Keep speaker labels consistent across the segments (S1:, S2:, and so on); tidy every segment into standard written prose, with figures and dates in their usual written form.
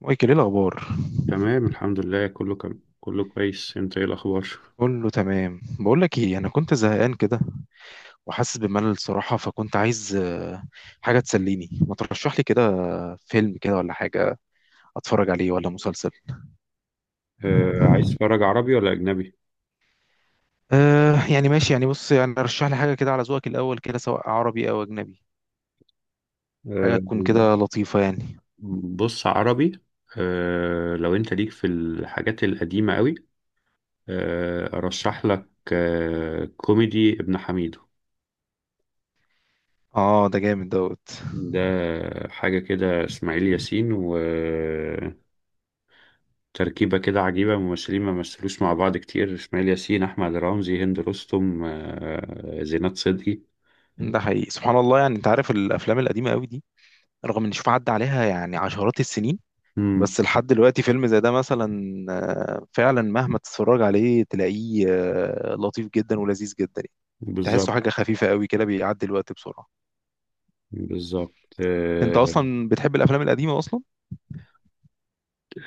S1: مايكل، ايه الاخبار؟
S2: تمام، الحمد لله، كله كم. كله كويس. انت ايه الاخبار؟
S1: كله تمام. بقول لك ايه، انا كنت زهقان كده وحاسس بملل الصراحه، فكنت عايز حاجه تسليني. ما ترشح لي كده فيلم كده ولا حاجه اتفرج عليه، ولا مسلسل؟
S2: آه، عايز تتفرج عربي ولا اجنبي؟
S1: آه يعني ماشي، يعني بص، يعني رشح لي حاجه كده على ذوقك الاول كده، سواء عربي او اجنبي.
S2: آه،
S1: حاجه تكون كده لطيفه يعني.
S2: بص عربي. آه، لو انت ليك في الحاجات القديمة قوي، ارشح لك كوميدي: ابن حميدو.
S1: اه ده جامد دوت.
S2: ده حاجة كده، اسماعيل ياسين وتركيبة كده عجيبة، ممثلين ما مثلوش مع بعض كتير: اسماعيل ياسين، احمد رمزي، هند رستم، زينات صدقي.
S1: ده حقيقي، سبحان الله، يعني انت عارف الافلام القديمه قوي دي رغم ان شوف عدى عليها يعني عشرات السنين،
S2: امم.
S1: بس لحد دلوقتي فيلم زي ده مثلا، فعلا مهما تتفرج عليه تلاقيه لطيف جدا ولذيذ جدا يعني. تحسه
S2: بالظبط.
S1: حاجة خفيفة قوي كده، بيعدي الوقت بسرعة.
S2: بالظبط.
S1: انت اصلا بتحب الافلام القديمة اصلا؟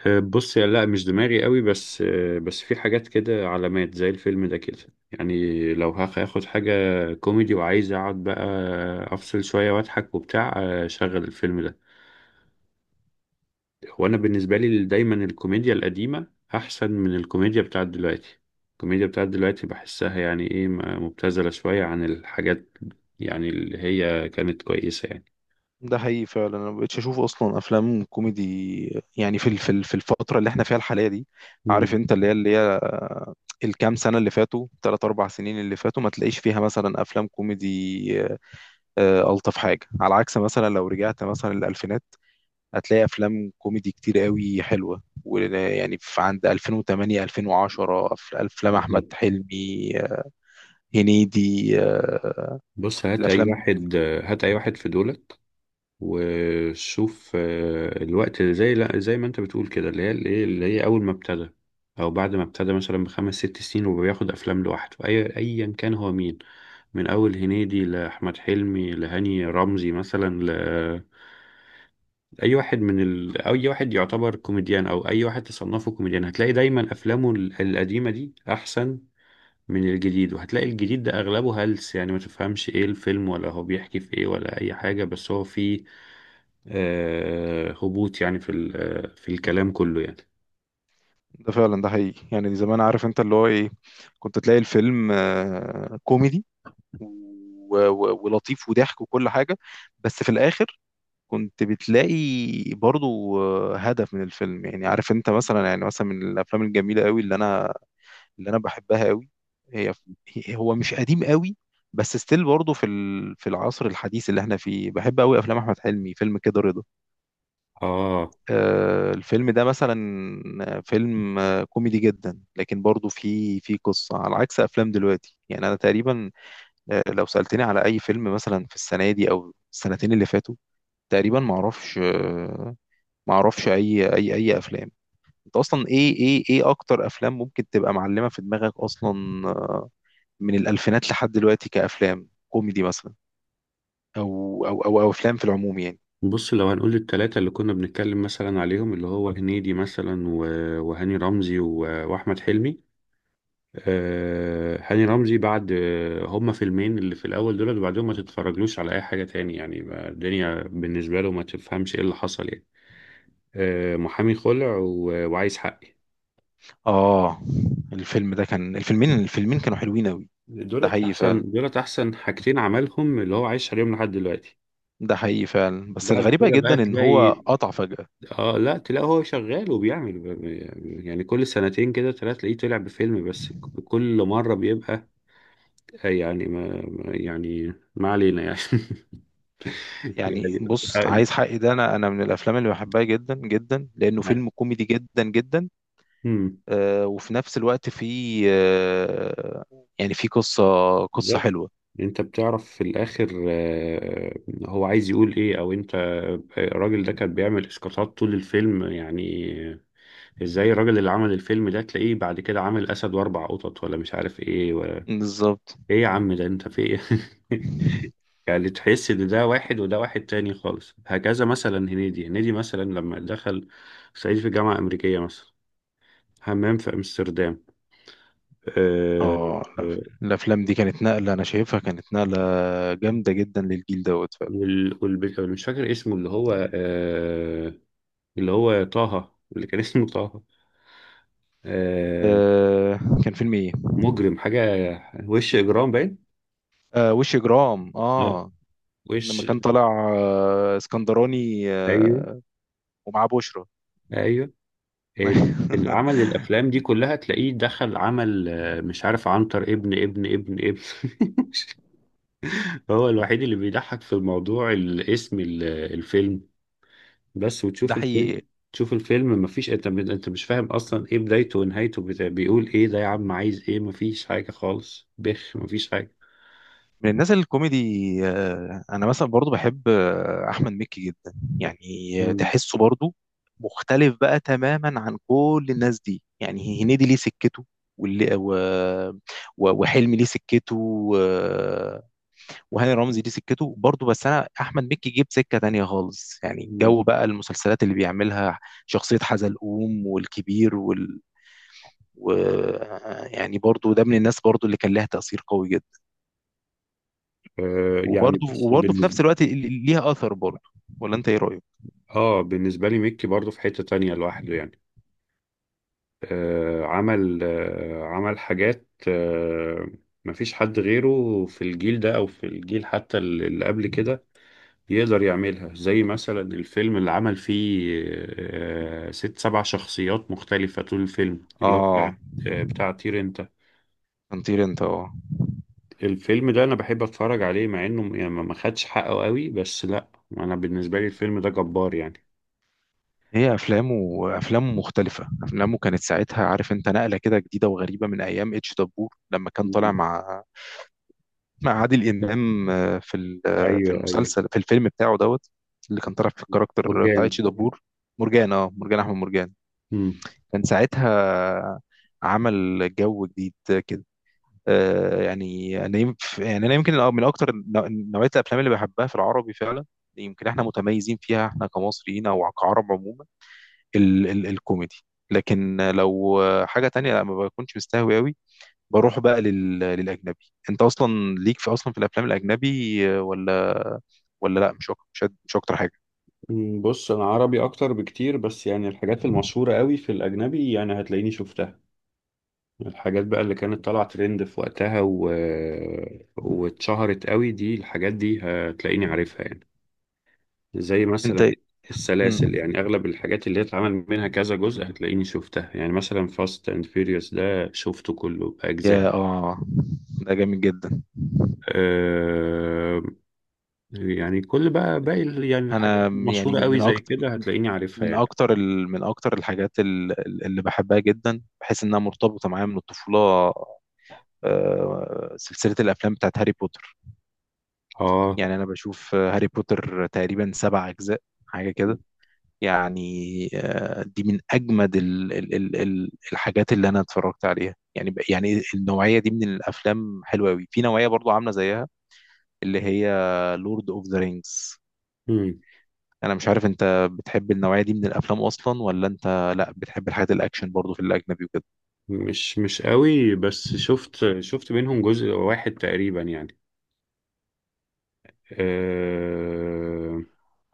S2: بص، يا لا، مش دماغي قوي بس، بس في حاجات كده علامات زي الفيلم ده كده، يعني لو هاخد حاجة كوميدي وعايز اقعد بقى افصل شوية واضحك وبتاع، شغل الفيلم ده. وانا بالنسبة لي دايما الكوميديا القديمة احسن من الكوميديا بتاعت دلوقتي. الكوميديا بتاعت دلوقتي بحسها يعني ايه، مبتذلة شوية عن الحاجات، يعني اللي هي كانت كويسة يعني.
S1: ده حقيقي فعلا. انا مبقتش اشوف اصلا افلام كوميدي يعني في الفترة اللي احنا فيها الحالية دي. عارف
S2: مم.
S1: انت، اللي هي الكام سنة اللي فاتوا، ثلاث اربع سنين اللي فاتوا، ما تلاقيش فيها مثلا افلام كوميدي الطف حاجة على عكس مثلا لو رجعت مثلا للالفينات، هتلاقي افلام كوميدي كتير قوي حلوه، ويعني في عند 2008 2010 افلام احمد
S2: بالظبط.
S1: حلمي هنيدي
S2: بص، هات اي
S1: الافلام دي.
S2: واحد آه، هات اي واحد في دولت، وشوف الوقت، اللي زي، لا، زي ما انت بتقول كده، اللي هي الايه، اللي هي اول ما ابتدى، او بعد ما ابتدى مثلا بخمس ست سنين وبياخد افلام لوحده، ايا كان هو مين، من اول هنيدي لاحمد حلمي لهاني رمزي مثلا، ل اي واحد من ال... اي واحد يعتبر كوميديان، او اي واحد تصنفه كوميديان، هتلاقي دايما افلامه القديمه دي احسن من الجديد. وهتلاقي الجديد ده اغلبه هلس، يعني ما تفهمش ايه الفيلم ولا هو بيحكي في ايه ولا اي حاجه، بس هو فيه هبوط، يعني في في الكلام كله يعني.
S1: ده فعلا، ده حقيقي يعني. زمان عارف انت اللي هو ايه، كنت تلاقي الفيلم كوميدي و- و- ولطيف وضحك وكل حاجه، بس في الاخر كنت بتلاقي برضو هدف من الفيلم. يعني عارف انت مثلا، يعني مثلا من الافلام الجميله قوي اللي انا، اللي انا بحبها قوي، هي هو مش قديم قوي بس ستيل برضه في العصر الحديث اللي احنا فيه، بحب قوي افلام احمد حلمي، فيلم كده رضا
S2: اه،
S1: الفيلم ده مثلا فيلم كوميدي جدا، لكن برضه فيه قصة على عكس افلام دلوقتي. يعني انا تقريبا لو سألتني على اي فيلم مثلا في السنة دي او السنتين اللي فاتوا، تقريبا ما اعرفش ما اعرفش اي افلام. انت اصلا ايه اكتر افلام ممكن تبقى معلمة في دماغك اصلا من الألفينات لحد دلوقتي كأفلام كوميدي مثلا؟ أو أو أفلام في العموم يعني.
S2: بص لو هنقول التلاتة اللي كنا بنتكلم مثلا عليهم، اللي هو هنيدي مثلا وهاني رمزي وأحمد حلمي. هاني رمزي بعد، هما فيلمين اللي في الأول دول، وبعدهم ما تتفرجلوش على أي حاجة تاني يعني، الدنيا بالنسبة له ما تفهمش إيه اللي حصل يعني، محامي خلع وعايز حقي.
S1: آه، الفيلم ده كان، الفيلمين كانوا حلوين أوي. ده
S2: دولت
S1: حقيقي
S2: أحسن
S1: فعلا،
S2: دولت أحسن حاجتين عملهم، اللي هو عايش عليهم لحد دلوقتي.
S1: ده حقيقي فعلا، بس
S2: بعد
S1: الغريبة
S2: كده
S1: جدا
S2: بقى
S1: إن هو
S2: تلاقي،
S1: قطع فجأة.
S2: اه لا، تلاقي هو شغال وبيعمل، يعني كل سنتين كده ثلاثة تلاقيه طلع بفيلم، بس كل مرة بيبقى يعني يعني ما علينا يعني. يعني
S1: يعني بص،
S2: آه،
S1: عايز حقي ده، انا من الافلام اللي بحبها جدا جدا، لانه
S2: يعني،
S1: فيلم كوميدي جدا جدا.
S2: مم،
S1: آه وفي نفس الوقت فيه آه، يعني فيه قصه، قصه
S2: بالظبط.
S1: حلوه.
S2: انت بتعرف في الاخر، هو عايز يقول ايه، او انت، الراجل ده كان بيعمل اسقاطات طول الفيلم يعني. ازاي الراجل اللي عمل الفيلم ده تلاقيه بعد كده عامل اسد واربع قطط، ولا مش عارف ايه، ولا
S1: بالظبط.
S2: ايه يا عم، ده انت في ايه؟ يعني تحس ان ده واحد وده واحد تاني خالص. هكذا مثلا هنيدي مثلا لما دخل صعيدي في جامعة أمريكية مثلا، حمام في أمستردام. أه.
S1: اه لا،
S2: آه،
S1: الافلام دي كانت نقله، انا شايفها كانت نقله جامده جدا للجيل دوت فعلا.
S2: مش فاكر اسمه اللي هو، اللي هو طه، اللي كان اسمه طه. أه.
S1: آه كان فيلم ايه؟
S2: مجرم حاجة، وش إجرام باين.
S1: آه وش جرام
S2: لا،
S1: اه. لما
S2: وش
S1: كان طالع آه اسكندراني
S2: أيوه،
S1: آه، ومعاه بشرى.
S2: أيوه. العمل، الأفلام دي كلها تلاقيه دخل عمل مش عارف، عنتر ابن هو الوحيد اللي بيضحك في الموضوع، الاسم الفيلم بس،
S1: ده
S2: وتشوف الفيلم،
S1: حقيقي.
S2: تشوف الفيلم مفيش. انت مش فاهم اصلا ايه بدايته ونهايته، بيقول ايه ده يا عم؟ عايز ايه؟ مفيش حاجة خالص، بخ، مفيش حاجة.
S1: من الناس الكوميدي انا مثلا برضو بحب احمد مكي جدا يعني.
S2: مم.
S1: تحسه برضو مختلف بقى تماما عن كل الناس دي. يعني هنيدي ليه سكته، واللي و... و- وحلمي ليه سكته، و- وهاني رمزي ليه سكته برضو، بس انا احمد مكي جيب سكة تانية خالص يعني.
S2: مم.
S1: الجو بقى، المسلسلات اللي بيعملها، شخصية حزلقوم والكبير و يعني برضو ده من الناس برضو اللي كان لها تأثير قوي جدا.
S2: يعني
S1: وبرضه
S2: بس
S1: وبرضه في
S2: بالنسبة
S1: نفس الوقت ليها اثر برضه. ولا انت ايه رايك؟
S2: اه بالنسبة لي ميكي برضه في حتة تانية لوحده يعني. عمل، عمل حاجات، مفيش حد غيره في الجيل ده او في الجيل حتى اللي قبل كده يقدر يعملها، زي مثلا الفيلم اللي عمل فيه ست سبع شخصيات مختلفة طول الفيلم، اللي هو بتاع
S1: اه
S2: آه، بتاع طير انت.
S1: هنطير انت اه.
S2: الفيلم ده انا بحب اتفرج عليه، مع انه يعني ما ما خدش حقه قوي، بس لا، انا بالنسبة لي الفيلم ده جبار يعني.
S1: هي افلامه، افلامه مختلفه. افلامه كانت ساعتها عارف انت نقله كده جديده وغريبه، من ايام اتش دبور لما كان طالع
S2: مم.
S1: مع، مع عادل امام في ال- آه، في
S2: ايوه، ايوه.
S1: المسلسل، في الفيلم بتاعه دوت، اللي كان طالع في الكاركتر بتاع
S2: مرجان.
S1: اتش دبور، مرجان. اه مرجان، احمد مرجان.
S2: مم.
S1: كان ساعتها عمل جو جديد كده. يعني انا يمكن، يعني انا يمكن من اكتر نوعيه الافلام اللي بحبها في العربي فعلا، يمكن احنا متميزين فيها احنا كمصريين او كعرب عموما، ال الكوميدي. لكن لو حاجه تانية، لا ما بكونش مستهوي قوي. بروح بقى للاجنبي. انت اصلا ليك في اصلا في الافلام الاجنبي ولا؟ ولا لا، مش أك- مش أد- مش اكتر حاجه.
S2: بص، انا عربي اكتر بكتير، بس يعني الحاجات المشهورة قوي في الاجنبي يعني هتلاقيني شفتها. الحاجات بقى اللي كانت طالعة ترند في وقتها واتشهرت قوي، دي الحاجات دي هتلاقيني عارفها يعني، زي مثلا
S1: انت مم.
S2: السلاسل، يعني أغلب الحاجات اللي اتعمل منها كذا جزء هتلاقيني شفتها، يعني مثلا فاست أند فيوريوس ده شفته كله بأجزاء.
S1: يا اه، ده جامد جدا.
S2: أه... يعني، بقى باقي يعني الحاجات
S1: انا يعني
S2: المشهورة قوي
S1: من
S2: زي
S1: اكتر،
S2: كده هتلاقيني عارفها
S1: من
S2: يعني.
S1: اكتر ال... من اكتر الحاجات اللي بحبها جدا، بحس انها مرتبطه معايا من الطفوله، سلسله الافلام بتاعت هاري بوتر.
S2: اه.
S1: يعني انا بشوف هاري بوتر تقريبا سبع اجزاء حاجه كده يعني. دي من اجمد الحاجات اللي انا اتفرجت عليها يعني. يعني النوعيه دي من الافلام حلوه قوي، في نوعيه برضو عامله زيها اللي هي لورد اوف ذا رينجز.
S2: مم.
S1: انا مش عارف، انت بتحب النوعيه دي من الافلام اصلا، ولا انت لا بتحب الحاجات الاكشن برضو في الاجنبي وكده؟
S2: مش قوي، بس شفت منهم جزء واحد تقريبا يعني. آه،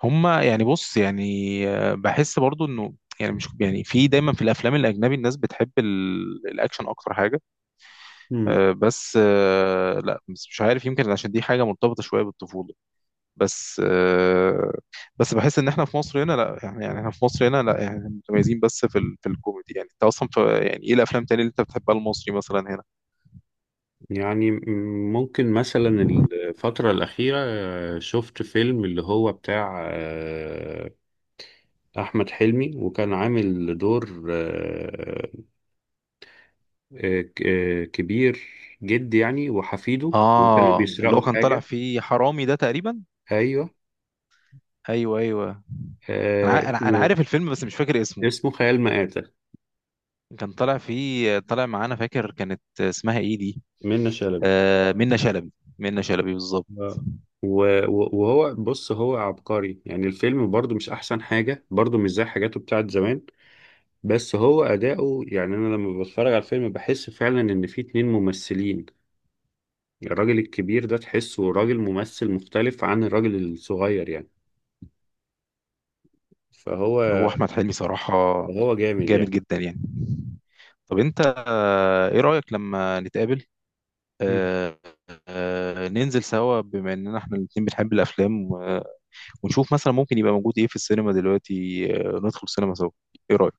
S1: هما يعني بص يعني بحس برضو انه، يعني مش يعني في دايما في الافلام الاجنبي الناس بتحب الاكشن اكتر حاجه.
S2: مم،
S1: آه، بس آه، لا بس مش عارف، يمكن عشان دي حاجه مرتبطه شويه بالطفوله. بس آه، بس بحس ان احنا في مصر هنا لا يعني، يعني احنا في مصر هنا لا يعني متميزين بس في الكوميدي يعني. انت اصلا في، يعني ايه الافلام تاني اللي انت بتحبها المصري مثلا هنا؟
S2: يعني ممكن مثلا الفترة الأخيرة، شفت فيلم اللي هو بتاع آه، أحمد حلمي، وكان عامل دور، كبير جد يعني، وحفيده، وكانوا
S1: اه اللي
S2: بيسرقوا
S1: هو كان طالع
S2: حاجة.
S1: فيه حرامي ده تقريبا.
S2: أيوه.
S1: ايوه ايوه. انا
S2: آه،
S1: انا
S2: اسمه
S1: عارف الفيلم بس مش فاكر اسمه.
S2: اسمه خيال مآتة.
S1: كان طالع فيه، طالع معانا، فاكر كانت اسمها ايه دي؟
S2: منة شلبي.
S1: آه منة شلبي، منة شلبي بالظبط.
S2: آه. وهو، بص، هو عبقري يعني، الفيلم برضو مش أحسن حاجة، برضو مش زي حاجاته بتاعت زمان، بس هو أداؤه يعني، أنا لما بتفرج على الفيلم بحس فعلا إن في اتنين ممثلين، الراجل الكبير ده تحسه راجل ممثل مختلف عن الراجل الصغير يعني، فهو
S1: هو احمد حلمي صراحة
S2: جامد
S1: جامد
S2: يعني.
S1: جدا يعني. طب انت آه، ايه رأيك لما نتقابل
S2: مم.
S1: آه آه، ننزل سوا بما اننا احنا الاتنين بنحب الافلام و ونشوف مثلا ممكن يبقى موجود ايه في السينما دلوقتي، آه ندخل السينما سوا. ايه رأيك؟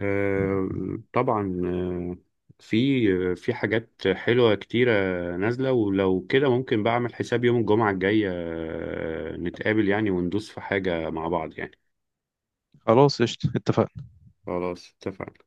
S2: آه، طبعا. في حاجات حلوة كتيرة نازلة، ولو كده ممكن بعمل حساب يوم الجمعة الجاية نتقابل يعني وندوس في حاجة مع بعض يعني.
S1: خلاص قشطة اتفقنا.
S2: خلاص، اتفقنا.